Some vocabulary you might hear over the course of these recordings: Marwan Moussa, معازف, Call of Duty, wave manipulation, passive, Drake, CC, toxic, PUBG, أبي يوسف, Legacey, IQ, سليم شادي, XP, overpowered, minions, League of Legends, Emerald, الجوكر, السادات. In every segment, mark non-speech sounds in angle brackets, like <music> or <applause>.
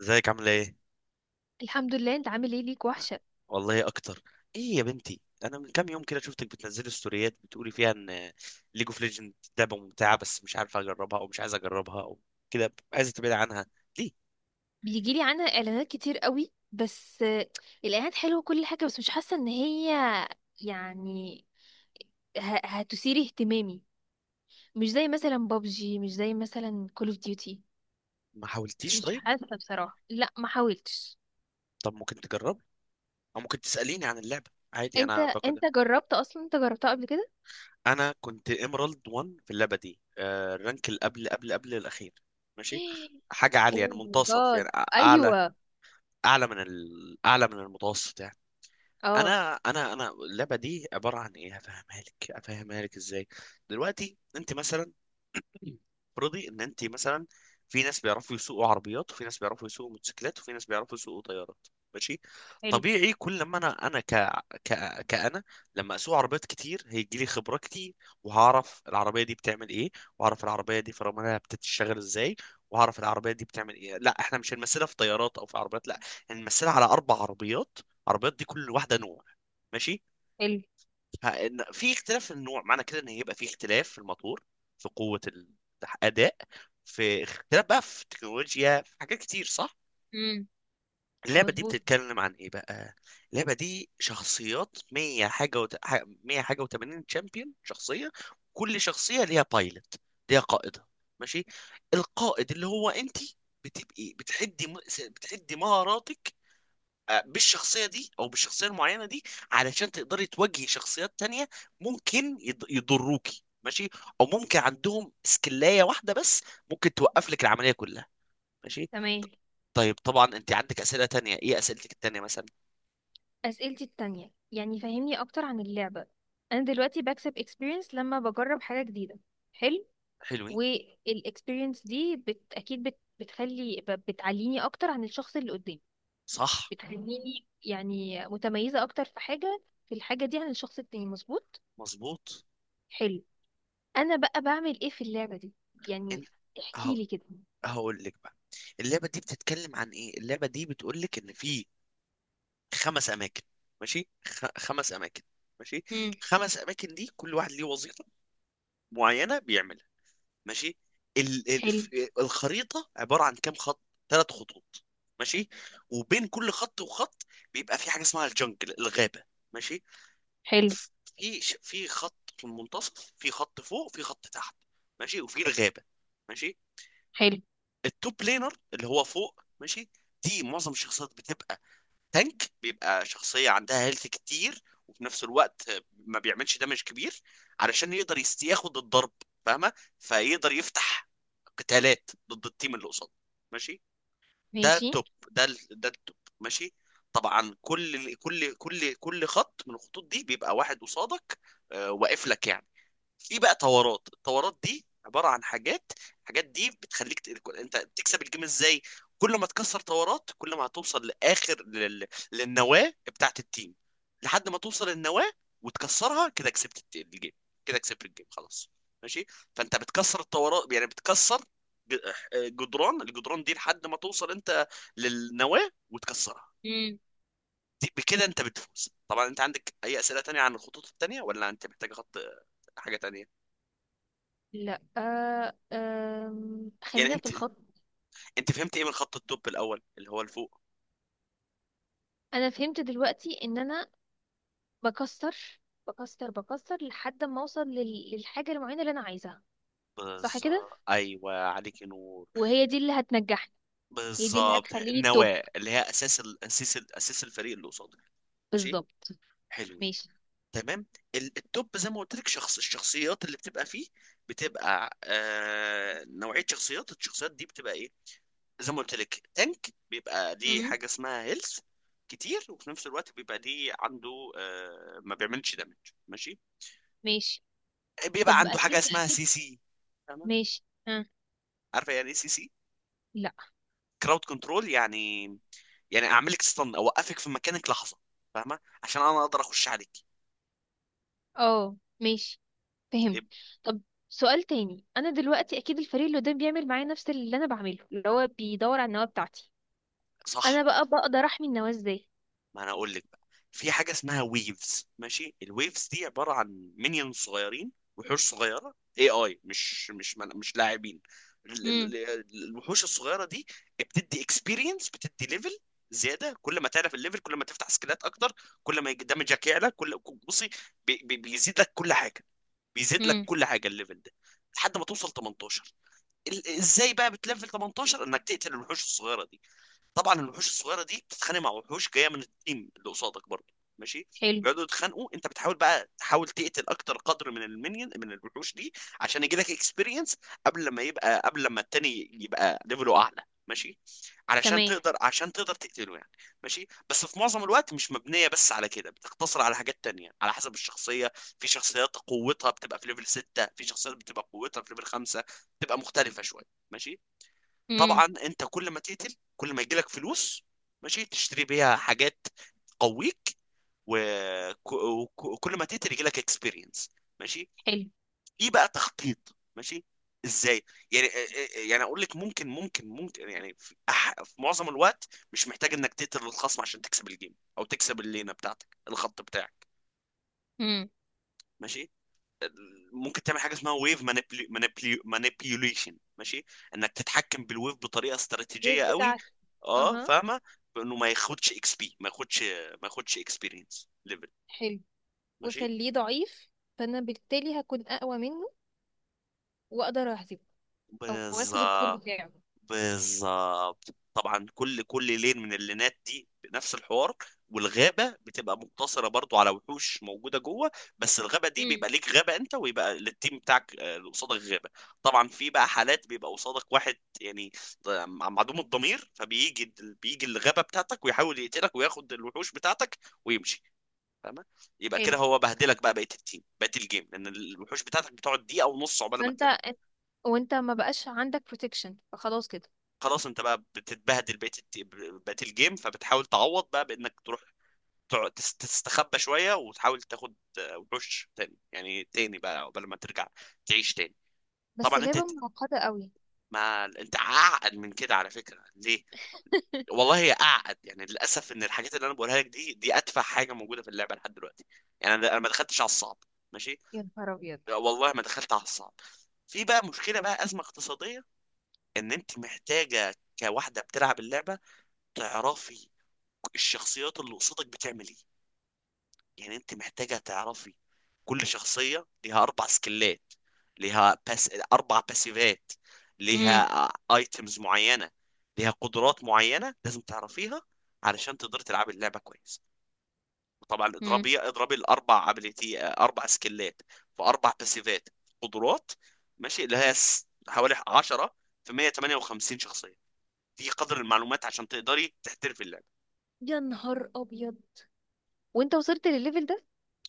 ازيك، عامله ايه؟ الحمد لله. انت عامل ايه؟ ليك وحشه. والله اكتر. ايه يا بنتي، انا من كام يوم كده شفتك بتنزلي ستوريات بتقولي فيها ان ليج اوف ليجند لعبه ممتعه، بس مش عارفه اجربها او مش عايزه اجربها او كده عايزه تبعد عنها، ليه؟ بيجي لي عنها اعلانات كتير قوي، بس الاعلانات حلوه كل حاجه، بس مش حاسه ان هي يعني هتثير اهتمامي. مش زي مثلا بابجي، مش زي مثلا كول اوف ديوتي. ما حاولتيش مش طيب؟ حاسه بصراحه، لا، ما حاولتش. طب ممكن تجرب، او ممكن تساليني عن اللعبه عادي، انت انا باخد. انت جربت اصلا؟ انت جربتها قبل كده؟ انا كنت ايمرالد 1 في اللعبه دي، الرانك اللي قبل قبل قبل الاخير. ماشي. <gasps> حاجه عاليه، اوه يعني ماي منتصف، جاد! يعني اعلى، ايوه. اعلى من المتوسط يعني. اه. انا اللعبه دي عباره عن ايه، هفهمها لك، هفهمها لك ازاي. دلوقتي انت مثلا، افرضي ان انت مثلا، في ناس بيعرفوا يسوقوا عربيات، وفي ناس بيعرفوا يسوقوا موتوسيكلات، وفي ناس بيعرفوا يسوقوا طيارات. ماشي. حلو، طبيعي، كل ما كأنا لما اسوق عربيات كتير هيجي لي خبرة كتير، وهعرف العربية دي بتعمل ايه، وهعرف العربية دي فراملها بتشتغل ازاي، وهعرف العربية دي بتعمل ايه. لا، احنا مش هنمثلها في طيارات او في عربيات، لا، هنمثلها على اربع عربيات. عربيات دي كل واحدة نوع. ماشي. حلو. في اختلاف في النوع، معنى كده ان هيبقى في اختلاف في الموتور، في قوة، الأداء، في اختلاف بقى في التكنولوجيا، في حاجات كتير، صح؟ امم. اللعبة دي مظبوط. بتتكلم عن ايه بقى؟ اللعبة دي شخصيات 100 حاجة 100 حاجة و80 تشامبيون شخصية. كل شخصية ليها بايلوت، ليها قائدة. ماشي؟ القائد اللي هو انت، بتبقي بتحدي مهاراتك، بالشخصية دي أو بالشخصية المعينة دي علشان تقدري تواجهي شخصيات تانية. ممكن يضروكي، ماشي، أو ممكن عندهم سكلاية واحدة بس ممكن توقف لك العملية كلها. ماشي. ط- تمام. طيب، طبعا أنت عندك أسئلة تانية، إيه أسئلتك التانية مثلا؟ أسئلتي التانية، يعني فهمني أكتر عن اللعبة. أنا دلوقتي بكسب experience لما بجرب حاجة جديدة. حلو. حلوين. والاكسبيرينس دي أكيد بتعليني أكتر عن الشخص اللي قدامي. صح. بتخليني يعني متميزة أكتر في الحاجة دي عن الشخص التاني. مظبوط. مظبوط. حلو. أنا بقى بعمل إيه في اللعبة دي؟ يعني أنت، أهو، احكيلي كده. هقول لك بقى. اللعبة دي بتتكلم عن إيه، اللعبة دي بتقول لك إن في خمس أماكن. ماشي. خمس أماكن. ماشي. امم. خمس أماكن دي كل واحد ليه وظيفة معينة بيعملها. ماشي. ال... ال... حلو، ف- الخريطة عبارة عن كام خط. ثلاث خطوط. ماشي. وبين كل خط وخط بيبقى في حاجة اسمها الجنجل، الغابة. ماشي. حلو، في خط في المنتصف، في خط فوق، في خط تحت، ماشي، وفي الغابة. ماشي. حلو. التوب لينر اللي هو فوق، ماشي، دي معظم الشخصيات بتبقى تانك، بيبقى شخصية عندها هيلث كتير، وفي نفس الوقت ما بيعملش دمج كبير علشان يقدر ياخد الضرب، فاهمة؟ فيقدر يفتح قتالات ضد التيم اللي قصاده. ماشي. ده ماشي. التوب، ده التوب. ماشي. طبعا كل خط من الخطوط دي بيبقى واحد قصادك، واقف لك يعني. في بقى طورات، الطورات دي عباره عن حاجات، الحاجات دي بتخليك انت بتكسب الجيم ازاي. كل ما تكسر طورات كل ما هتوصل لاخر للنواه بتاعت التيم، لحد ما توصل النواه وتكسرها، كده كسبت الجيم، كده كسبت الجيم، خلاص. ماشي. فانت بتكسر الطورات، يعني بتكسر ج- جدران، الجدران دي لحد ما توصل انت للنواه وتكسرها. امم. بكده انت بتفوز. طبعا انت عندك اي اسئله تانية عن الخطوط التانية، ولا انت محتاج خط، حاجه تانية لا، يعني؟ خلينا في انت الخط. انت فهمت ايه من خط الدب الاول اللي هو لفوق؟ انا فهمت دلوقتي ان انا بكسر بكسر لحد ما اوصل للحاجه المعينه اللي انا عايزاها. صح كده؟ بالظبط، ايوه، عليك نور. وهي دي اللي هتنجحني. هي دي اللي بالظبط، هتخليني توب. النواه اللي هي اساس الفريق اللي قصادك. ماشي. بالظبط. حلوين. ماشي. تمام. الدب زي ما قلت لك، شخص الشخصيات اللي بتبقى فيه، بتبقى نوعيه شخصيات، الشخصيات دي بتبقى ايه؟ زي ما قلت لك، تانك بيبقى ليه امم. حاجه اسمها هيلث كتير، وفي نفس الوقت بيبقى ليه عنده ما بيعملش دامج. ماشي. ماشي. بيبقى طب، عنده حاجه اكيد، اسمها اكيد. سي سي. فاهمه؟ ماشي. ها؟ عارفه يعني ايه سي سي؟ لا. كراود كنترول يعني، يعني اعمل لك ستان، اوقفك في مكانك لحظه، فاهمه؟ عشان انا اقدر اخش عليك. اه. ماشي. فهمت. يبقى طب، سؤال تاني. انا دلوقتي اكيد الفريق اللي قدام بيعمل معايا نفس اللي انا بعمله، اللي هو بيدور على النواه بتاعتي. صح. انا بقى بقدر احمي النواه ازاي؟ ما انا اقول لك بقى. في حاجه اسمها ويفز. ماشي. الويفز دي عباره عن مinions صغيرين، وحوش صغيره، اي مش لاعبين. امم. الوحوش الصغيره دي بتدي اكسبيرينس، بتدي ليفل زياده. كل ما تعرف الليفل كل ما تفتح سكيلات اكتر، كل ما دمجك يعلى، كل، بصي، بي بيزيد لك كل حاجه. بيزيد لك امم. كل حاجه الليفل ده لحد ما توصل 18. ازاي بقى بتليفل 18 انك تقتل الوحوش الصغيره دي؟ طبعا الوحوش الصغيره دي بتتخانق مع وحوش جايه من التيم اللي قصادك برضه. ماشي. حلو. بيقعدوا يتخانقوا، انت بتحاول بقى تحاول تقتل اكتر قدر من المنيون من الوحوش دي عشان يجي لك اكسبيرينس، قبل لما يبقى، قبل لما التاني يبقى ليفله اعلى. ماشي. علشان تمام. تقدر، عشان تقدر تقتله يعني. ماشي. بس في معظم الوقت مش مبنيه بس على كده، بتقتصر على حاجات تانية على حسب الشخصيه. في شخصيات قوتها بتبقى في ليفل 6، في شخصيات بتبقى قوتها في ليفل 5، بتبقى مختلفه شويه. ماشي. امم. طبعا انت كل ما تقتل كل ما يجيلك فلوس، ماشي، تشتري بيها حاجات تقويك، وكل ما تقتل يجيلك اكسبيرينس. ماشي. في بقى تخطيط. ماشي. ازاي يعني؟ يعني اقول لك، ممكن يعني، في معظم الوقت مش محتاج انك تقتل الخصم عشان تكسب الجيم او تكسب اللينه بتاعتك، الخط بتاعك. حلو. ماشي. ممكن تعمل حاجه اسمها ويف مانيبيوليشن. ماشي. انك تتحكم بالويف بطريقه الويف استراتيجيه قوي. بتاعته. اه، اها. فاهمه. بانه ما ياخدش اكس بي، ما ياخدش اكسبيرينس، ليفل. حلو. ماشي. وخليه ضعيف، فانا بالتالي هكون اقوى منه واقدر اهزمه، او اخد الكور بالظبط. بتاعه. بالظبط. طبعا كل لين من اللينات دي بنفس الحوار. والغابه بتبقى مقتصره برضو على وحوش موجوده جوه، بس الغابه دي امم. بيبقى ليك غابه انت، ويبقى للتيم بتاعك اللي قصادك غابه. طبعا في بقى حالات بيبقى قصادك واحد، يعني معدوم الضمير، فبيجي بيجي الغابه بتاعتك ويحاول يقتلك وياخد الوحوش بتاعتك ويمشي، فاهمه؟ يبقى كده حلو. هو بهدلك بقى بقيه التيم، بقيه الجيم، لان الوحوش بتاعتك بتقعد دقيقه ونص عقبال ما فانت تلم، وانت ما بقاش عندك بروتكشن، فخلاص كده. خلاص. انت بقى بتتبهدل، بقيت الجيم، فبتحاول تعوض بقى بانك تروح تستخبى شويه، وتحاول تاخد وحوش تاني، يعني تاني بقى قبل ما ترجع تعيش تاني. بس طبعا لعبة معقدة قوي! ما انت اعقد من كده على فكره، ليه؟ والله هي اعقد يعني، للاسف، ان الحاجات اللي انا بقولها لك دي ادفع حاجه موجوده في اللعبه لحد دلوقتي. يعني انا ما دخلتش على الصعب. ماشي. يا نهار ابيض. والله ما دخلت على الصعب. في بقى مشكله، بقى ازمه اقتصاديه، ان انت محتاجه كواحده بتلعب اللعبه تعرفي الشخصيات اللي قصادك بتعمل ايه، يعني انت محتاجة تعرفي. كل شخصية ليها اربع سكلات، ليها بس اربع باسيفات، امم. ليها ايتمز معينة، ليها قدرات معينة لازم تعرفيها علشان تقدري تلعبي اللعبة كويس. وطبعا امم. اضربي الاربع ابيليتي، اربع سكلات في اربع باسيفات، قدرات. ماشي. اللي هي حوالي 10 في 158 شخصية، دي قدر المعلومات عشان تقدري تحترفي اللعبة. يا نهار ابيض! وانت وصلت للليفل ده؟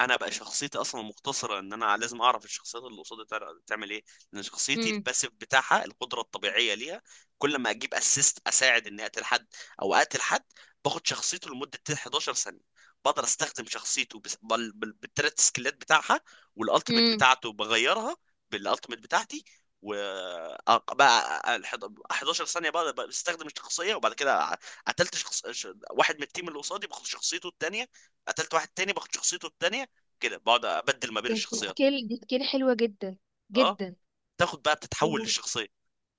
انا بقى شخصيتي اصلا مقتصره ان انا لازم اعرف الشخصيات اللي قصادي تعمل ايه، لان شخصيتي امم. الباسيف بتاعها القدره الطبيعيه ليها. كل ما اجيب اسيست، اساعد اني اقتل حد، او اقتل حد، باخد شخصيته لمده 11 ثانيه. بقدر استخدم شخصيته بالتلات سكيلات بتاعها، والالتيميت امم. بتاعته بغيرها بالالتيميت بتاعتي، و بقى ال 11 ثانيه بقى بستخدم الشخصيه، وبعد كده قتلت شخص، واحد من التيم اللي قصادي باخد شخصيته التانيه، قتلت واحد تاني باخد شخصيته التانية، كده بقعد ابدل ما بين بس الشخصيات. دي سكيل حلوة جدا، اه، جدا. تاخد بقى بتتحول وم- للشخصيه.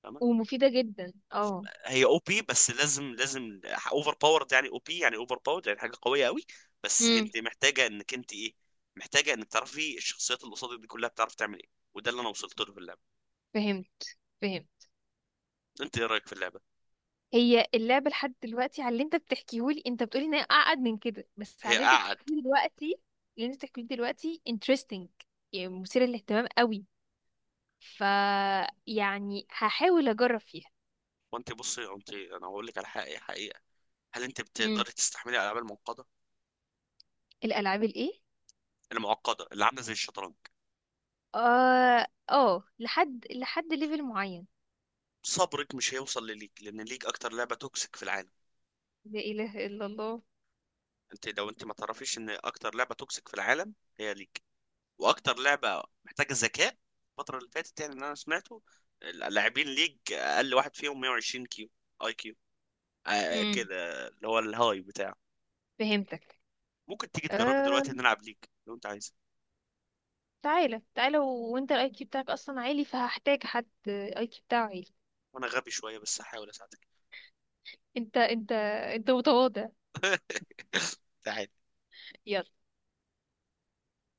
فاهمة؟ ومفيدة جدا. اه. هي او بي. بس لازم، لازم اوفر باورد يعني، او بي يعني اوفر باورد يعني حاجه قويه قوي. بس امم. انت محتاجه انك انت ايه، محتاجه انك تعرفي الشخصيات اللي قصادك دي كلها بتعرف تعمل ايه، وده اللي انا وصلت له في اللعبه. فهمت. فهمت. انت ايه رايك في اللعبه؟ هي اللعبة لحد دلوقتي، على اللي انت بتحكيهولي، انت بتقولي ان هي اعقد من كده، بس على هي اللي انت قعد. بتحكيهولي دلوقتي، اللي انت بتحكيهولي دلوقتي interesting. يعني مثير للاهتمام قوي. ف يعني هحاول اجرب فيها. وانت بصي، انا هقول لك على حقيقه، حقيقه. هل انت مم. بتقدري تستحملي الالعاب المعقده؟ الالعاب الايه؟ المعقده اللي عامله زي الشطرنج. اه، اه، لحد ليفل معين. صبرك مش هيوصل لليك، لان ليك اكتر لعبه توكسيك في العالم. لا اله الا الله. لو انت ما تعرفيش ان اكتر لعبه توكسيك في العالم هي ليج، واكتر لعبه محتاجه ذكاء. الفتره اللي فاتت يعني، اللي انا سمعته، اللاعبين ليج اقل واحد فيهم 120 كيو، اي كيو، مم. كده اللي هو الهاي بتاعه. فهمتك. ممكن تيجي تجربي آه. دلوقتي نلعب ليج، لو انت عايز. تعالى، تعالى. وانت الاي كيو بتاعك اصلا عالي، فهحتاج حد اي كيو بتاعه عالي. وانا غبي شويه بس هحاول اساعدك. انت. انت متواضع. تعالي. يلا.